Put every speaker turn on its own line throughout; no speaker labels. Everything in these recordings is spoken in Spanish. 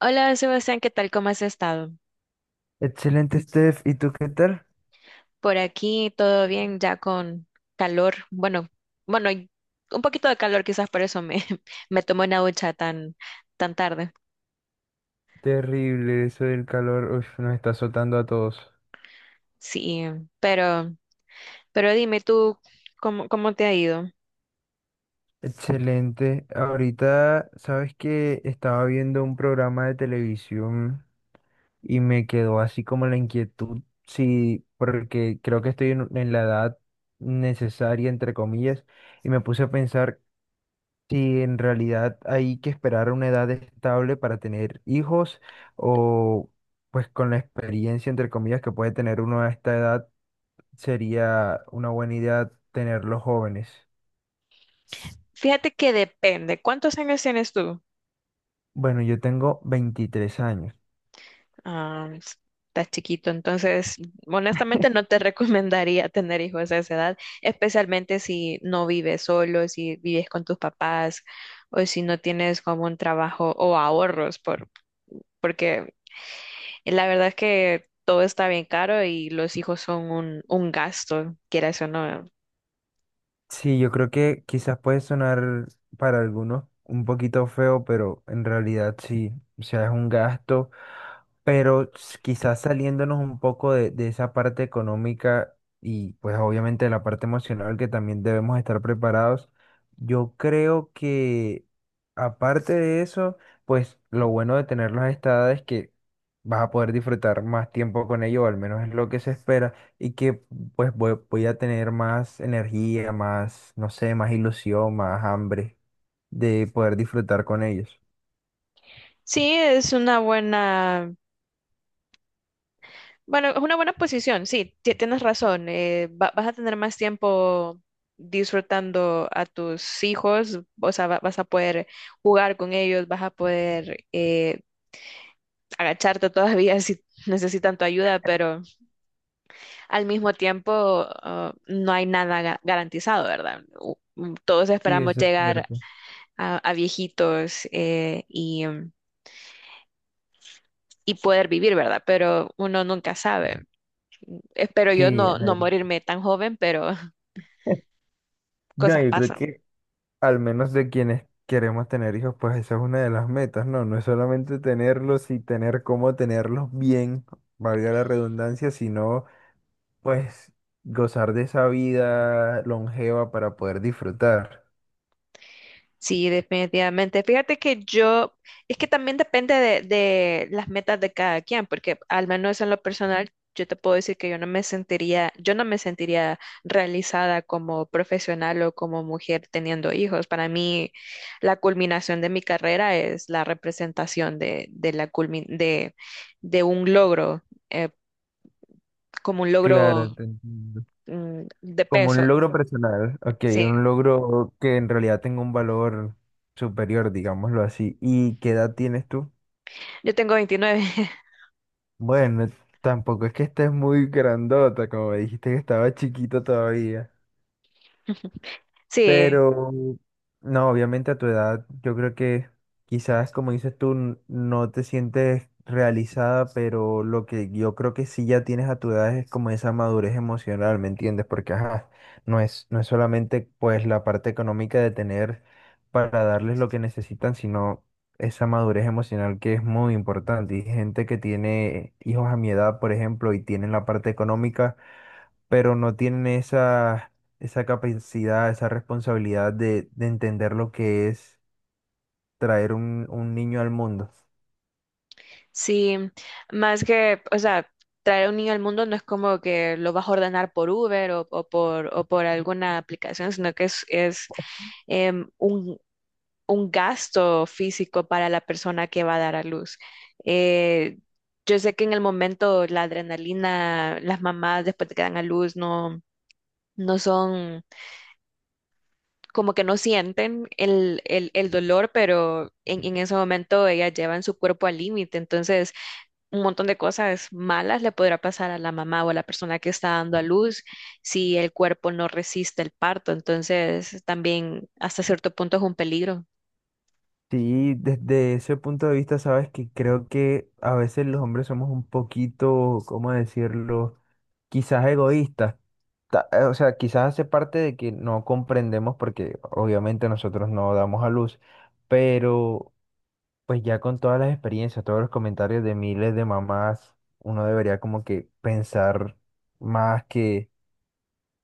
Hola Sebastián, ¿qué tal? ¿Cómo has estado?
Excelente, Steph. ¿Y tú qué tal?
Por aquí todo bien, ya con calor. Bueno, bueno, y un poquito de calor quizás por eso me, me tomé una ducha tan, tan tarde.
Terrible eso del calor, uf, nos está azotando a todos.
Sí, pero, pero dime tú, ¿cómo, cómo te ha ido?
Excelente. Ahorita, sabes que estaba viendo un programa de televisión y me quedó así como la inquietud, sí, porque creo que estoy en la edad necesaria, entre comillas, y me puse a pensar si en realidad hay que esperar una edad estable para tener hijos o pues con la experiencia, entre comillas, que puede tener uno a esta edad. Sería una buena idea tenerlos jóvenes.
Fíjate que depende. ¿Cuántos años tienes tú?
Bueno, yo tengo 23 años.
Ah, está chiquito, entonces honestamente no te recomendaría tener hijos a esa edad, especialmente si no vives solo, si vives con tus papás o si no tienes como un trabajo o ahorros, por, porque la verdad es que todo está bien caro y los hijos son un gasto, quieras o no.
Sí, yo creo que quizás puede sonar para algunos un poquito feo, pero en realidad sí, o sea, es un gasto, pero quizás saliéndonos un poco de esa parte económica y pues obviamente de la parte emocional que también debemos estar preparados, yo creo que aparte de eso, pues lo bueno de tenerlos a esta edad es que vas a poder disfrutar más tiempo con ellos, o al menos es lo que se espera y que pues voy a tener más energía, más, no sé, más ilusión, más hambre de poder disfrutar con ellos.
Sí, es una buena. Bueno, es una buena posición, sí, tienes razón. Vas a tener más tiempo disfrutando a tus hijos, o sea, vas a poder jugar con ellos, vas a poder agacharte todavía si necesitan tu ayuda, pero al mismo tiempo no hay nada garantizado, ¿verdad? Todos
Sí,
esperamos
eso es
llegar
cierto.
a viejitos y y poder vivir, ¿verdad? Pero uno nunca sabe. Espero yo
Sí,
no, no morirme tan joven, pero
no,
cosas
yo creo
pasan.
que al menos de quienes queremos tener hijos, pues esa es una de las metas, ¿no? No es solamente tenerlos y tener cómo tenerlos bien, valga la redundancia, sino pues gozar de esa vida longeva para poder disfrutar.
Sí, definitivamente. Fíjate que yo, es que también depende de las metas de cada quien, porque al menos en lo personal, yo te puedo decir que yo no me sentiría, yo no me sentiría realizada como profesional o como mujer teniendo hijos. Para mí, la culminación de mi carrera es la representación de la de un logro, eh, como un logro,
Claro, te entiendo.
de
Como
peso.
un logro personal, ok,
Sí,
un logro que en realidad tenga un valor superior, digámoslo así. ¿Y qué edad tienes tú?
yo tengo 29.
Bueno, tampoco es que estés muy grandota, como me dijiste que estaba chiquito todavía.
Sí.
Pero, no, obviamente a tu edad, yo creo que quizás, como dices tú, no te sientes realizada, pero lo que yo creo que sí ya tienes a tu edad es como esa madurez emocional, ¿me entiendes? Porque, ajá, no es solamente pues la parte económica de tener para darles lo que necesitan, sino esa madurez emocional que es muy importante. Y gente que tiene hijos a mi edad, por ejemplo, y tienen la parte económica pero no tienen esa capacidad, esa responsabilidad de entender lo que es traer un niño al mundo.
Sí, más que, o sea, traer un niño al mundo no es como que lo vas a ordenar por Uber o por alguna aplicación, sino que es em, un, un gasto físico para la persona que va a dar a luz. Eh, yo sé que en el momento la adrenalina, las mamás después de que dan a luz no, no son, como que no sienten el dolor, pero en ese momento ellas llevan su cuerpo al límite, entonces un montón de cosas malas le podrá pasar a la mamá o a la persona que está dando a luz si el cuerpo no resiste el parto. Entonces, también hasta cierto punto es un peligro.
Sí, desde ese punto de vista, sabes que creo que a veces los hombres somos un poquito, ¿cómo decirlo? Quizás egoístas. O sea, quizás hace parte de que no comprendemos porque obviamente nosotros no damos a luz, pero pues ya con todas las experiencias, todos los comentarios de miles de mamás, uno debería como que pensar más que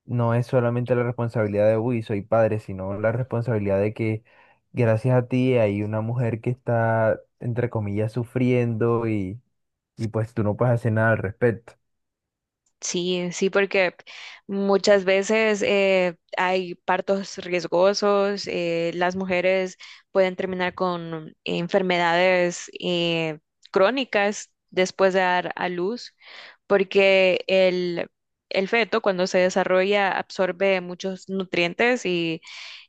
no es solamente la responsabilidad de, uy, soy padre, sino la responsabilidad de que gracias a ti hay una mujer que está, entre comillas, sufriendo y pues tú no puedes hacer nada al respecto.
Sí, sí, porque muchas veces hay partos riesgosos, las mujeres pueden terminar con enfermedades crónicas después de dar a luz, porque el feto cuando se desarrolla absorbe muchos nutrientes y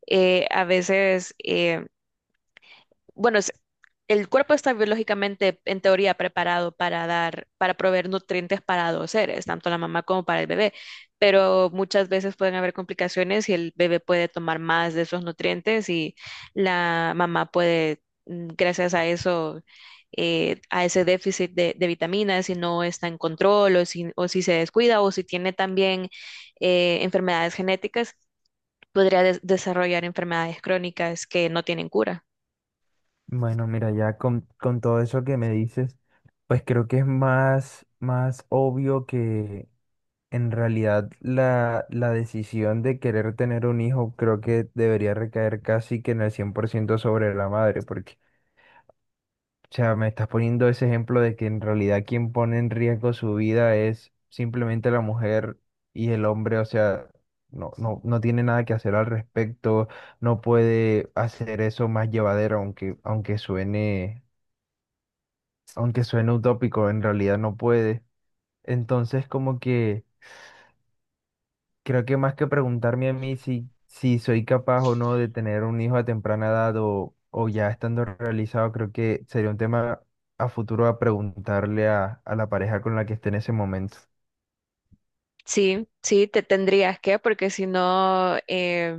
a veces, bueno, el cuerpo está biológicamente, en teoría, preparado para dar, para proveer nutrientes para dos seres, tanto la mamá como para el bebé, pero muchas veces pueden haber complicaciones y el bebé puede tomar más de esos nutrientes y la mamá puede, gracias a eso, a ese déficit de vitaminas, si no está en control o si se descuida o si tiene también enfermedades genéticas podría desarrollar enfermedades crónicas que no tienen cura.
Bueno, mira, ya con todo eso que me dices, pues creo que es más obvio. En realidad, la decisión de querer tener un hijo creo que debería recaer casi que en el 100% sobre la madre, porque, o sea, me estás poniendo ese ejemplo de que en realidad quien pone en riesgo su vida es simplemente la mujer y el hombre, o sea, no tiene nada que hacer al respecto, no puede hacer eso más llevadero, aunque suene utópico, en realidad no puede. Entonces, como que creo que más que preguntarme a mí si soy capaz o no de tener un hijo a temprana edad o ya estando realizado, creo que sería un tema a futuro a preguntarle a la pareja con la que esté en ese momento.
Sí, sí, te tendrías que, porque si no,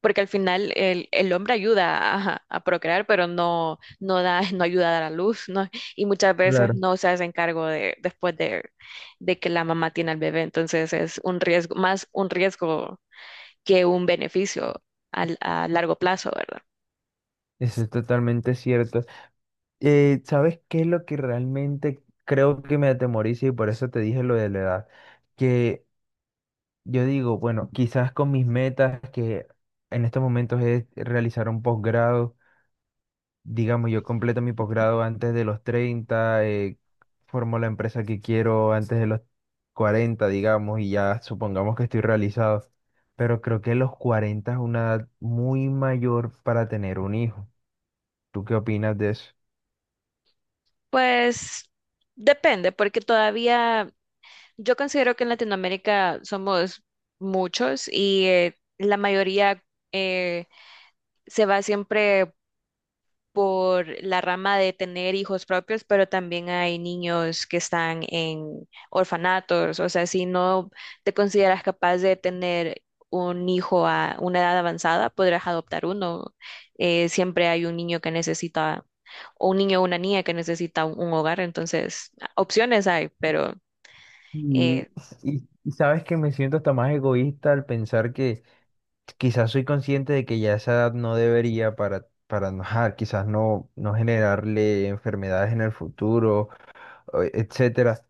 porque al final el hombre ayuda a procrear, pero no, no da, no ayuda a dar a luz, ¿no? Y muchas veces
Claro.
no se hacen cargo de, después de que la mamá tiene al bebé. Entonces es un riesgo, más un riesgo que un beneficio a largo plazo, ¿verdad?
Eso es totalmente cierto. ¿Sabes qué es lo que realmente creo que me atemoriza y por eso te dije lo de la edad? Que yo digo, bueno, quizás con mis metas, que en estos momentos es realizar un posgrado digamos, yo completo mi posgrado antes de los 30 formo la empresa que quiero antes de los 40 digamos, y ya supongamos que estoy realizado. Pero creo que los 40 es una edad muy mayor para tener un hijo. ¿Tú qué opinas de eso?
Pues depende, porque todavía. Yo considero que en Latinoamérica somos muchos y la mayoría eh, se va siempre por la rama de tener hijos propios, pero también hay niños que están en orfanatos. O sea, si no te consideras capaz de tener un hijo a una edad avanzada, podrás adoptar uno. Siempre hay un niño que necesita, o un niño o una niña que necesita un hogar. Entonces, opciones hay, pero...
Y,
eh,
y sabes que me siento hasta más egoísta al pensar que quizás soy consciente de que ya a esa edad no debería para no, ajá, quizás no generarle enfermedades en el futuro, etcétera.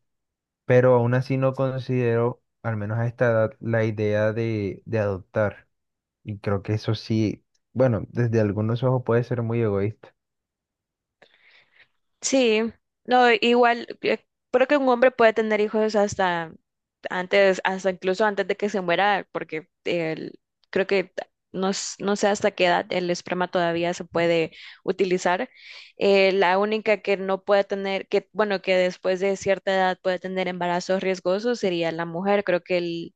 Pero aún así no considero, al menos a esta edad, la idea de adoptar. Y creo que eso sí, bueno, desde algunos ojos puede ser muy egoísta.
Sí, no, igual, creo que un hombre puede tener hijos hasta antes, hasta incluso antes de que se muera, porque creo que no, no sé hasta qué edad el esperma todavía se puede utilizar. La única que no puede tener, que bueno, que después de cierta edad puede tener embarazos riesgosos sería la mujer. Creo que el,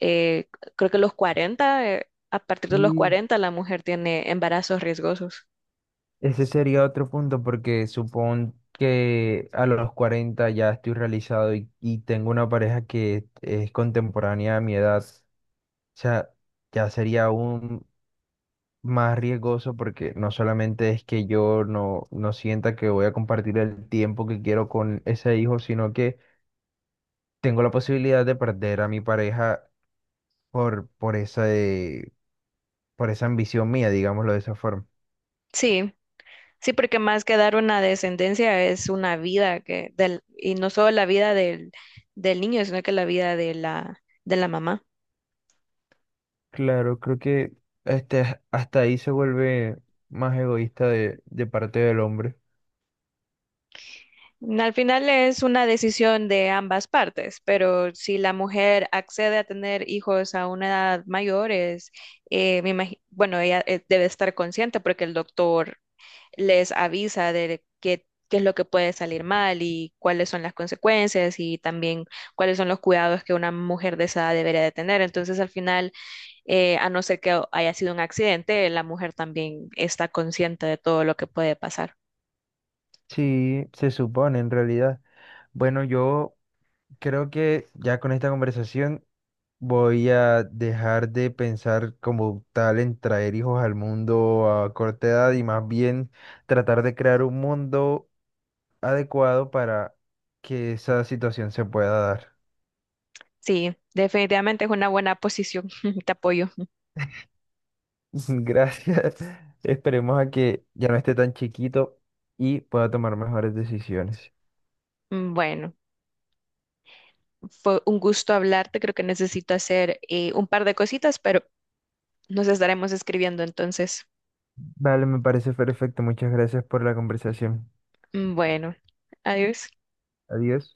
eh, creo que los 40 a partir de los
Y
40 la mujer tiene embarazos riesgosos.
ese sería otro punto, porque supón que a los 40 ya estoy realizado y tengo una pareja que es contemporánea a mi edad. O sea, ya sería aún más riesgoso porque no solamente es que yo no sienta que voy a compartir el tiempo que quiero con ese hijo, sino que tengo la posibilidad de perder a mi pareja por, por esa, eh, por esa ambición mía, digámoslo de esa forma.
Sí. Sí, porque más que dar una descendencia es una vida que del, y no solo la vida del, del niño, sino que la vida de la mamá.
Claro, creo que este, hasta ahí se vuelve más egoísta de parte del hombre.
Al final es una decisión de ambas partes, pero si la mujer accede a tener hijos a una edad mayor, es, bueno, ella debe estar consciente porque el doctor les avisa de qué, qué es lo que puede salir mal y cuáles son las consecuencias y también cuáles son los cuidados que una mujer de esa edad debería de tener. Entonces, al final a no ser que haya sido un accidente, la mujer también está consciente de todo lo que puede pasar.
Sí, se supone en realidad. Bueno, yo creo que ya con esta conversación voy a dejar de pensar como tal en traer hijos al mundo a corta edad y más bien tratar de crear un mundo adecuado para que esa situación se pueda dar.
Sí, definitivamente es una buena posición. Te apoyo.
Gracias. Esperemos a que ya no esté tan chiquito y pueda tomar mejores decisiones.
Mm, bueno, fue un gusto hablarte. Creo que necesito hacer un par de cositas, pero nos estaremos escribiendo entonces.
Vale, me parece perfecto. Muchas gracias por la conversación.
Mm, bueno, adiós.
Adiós.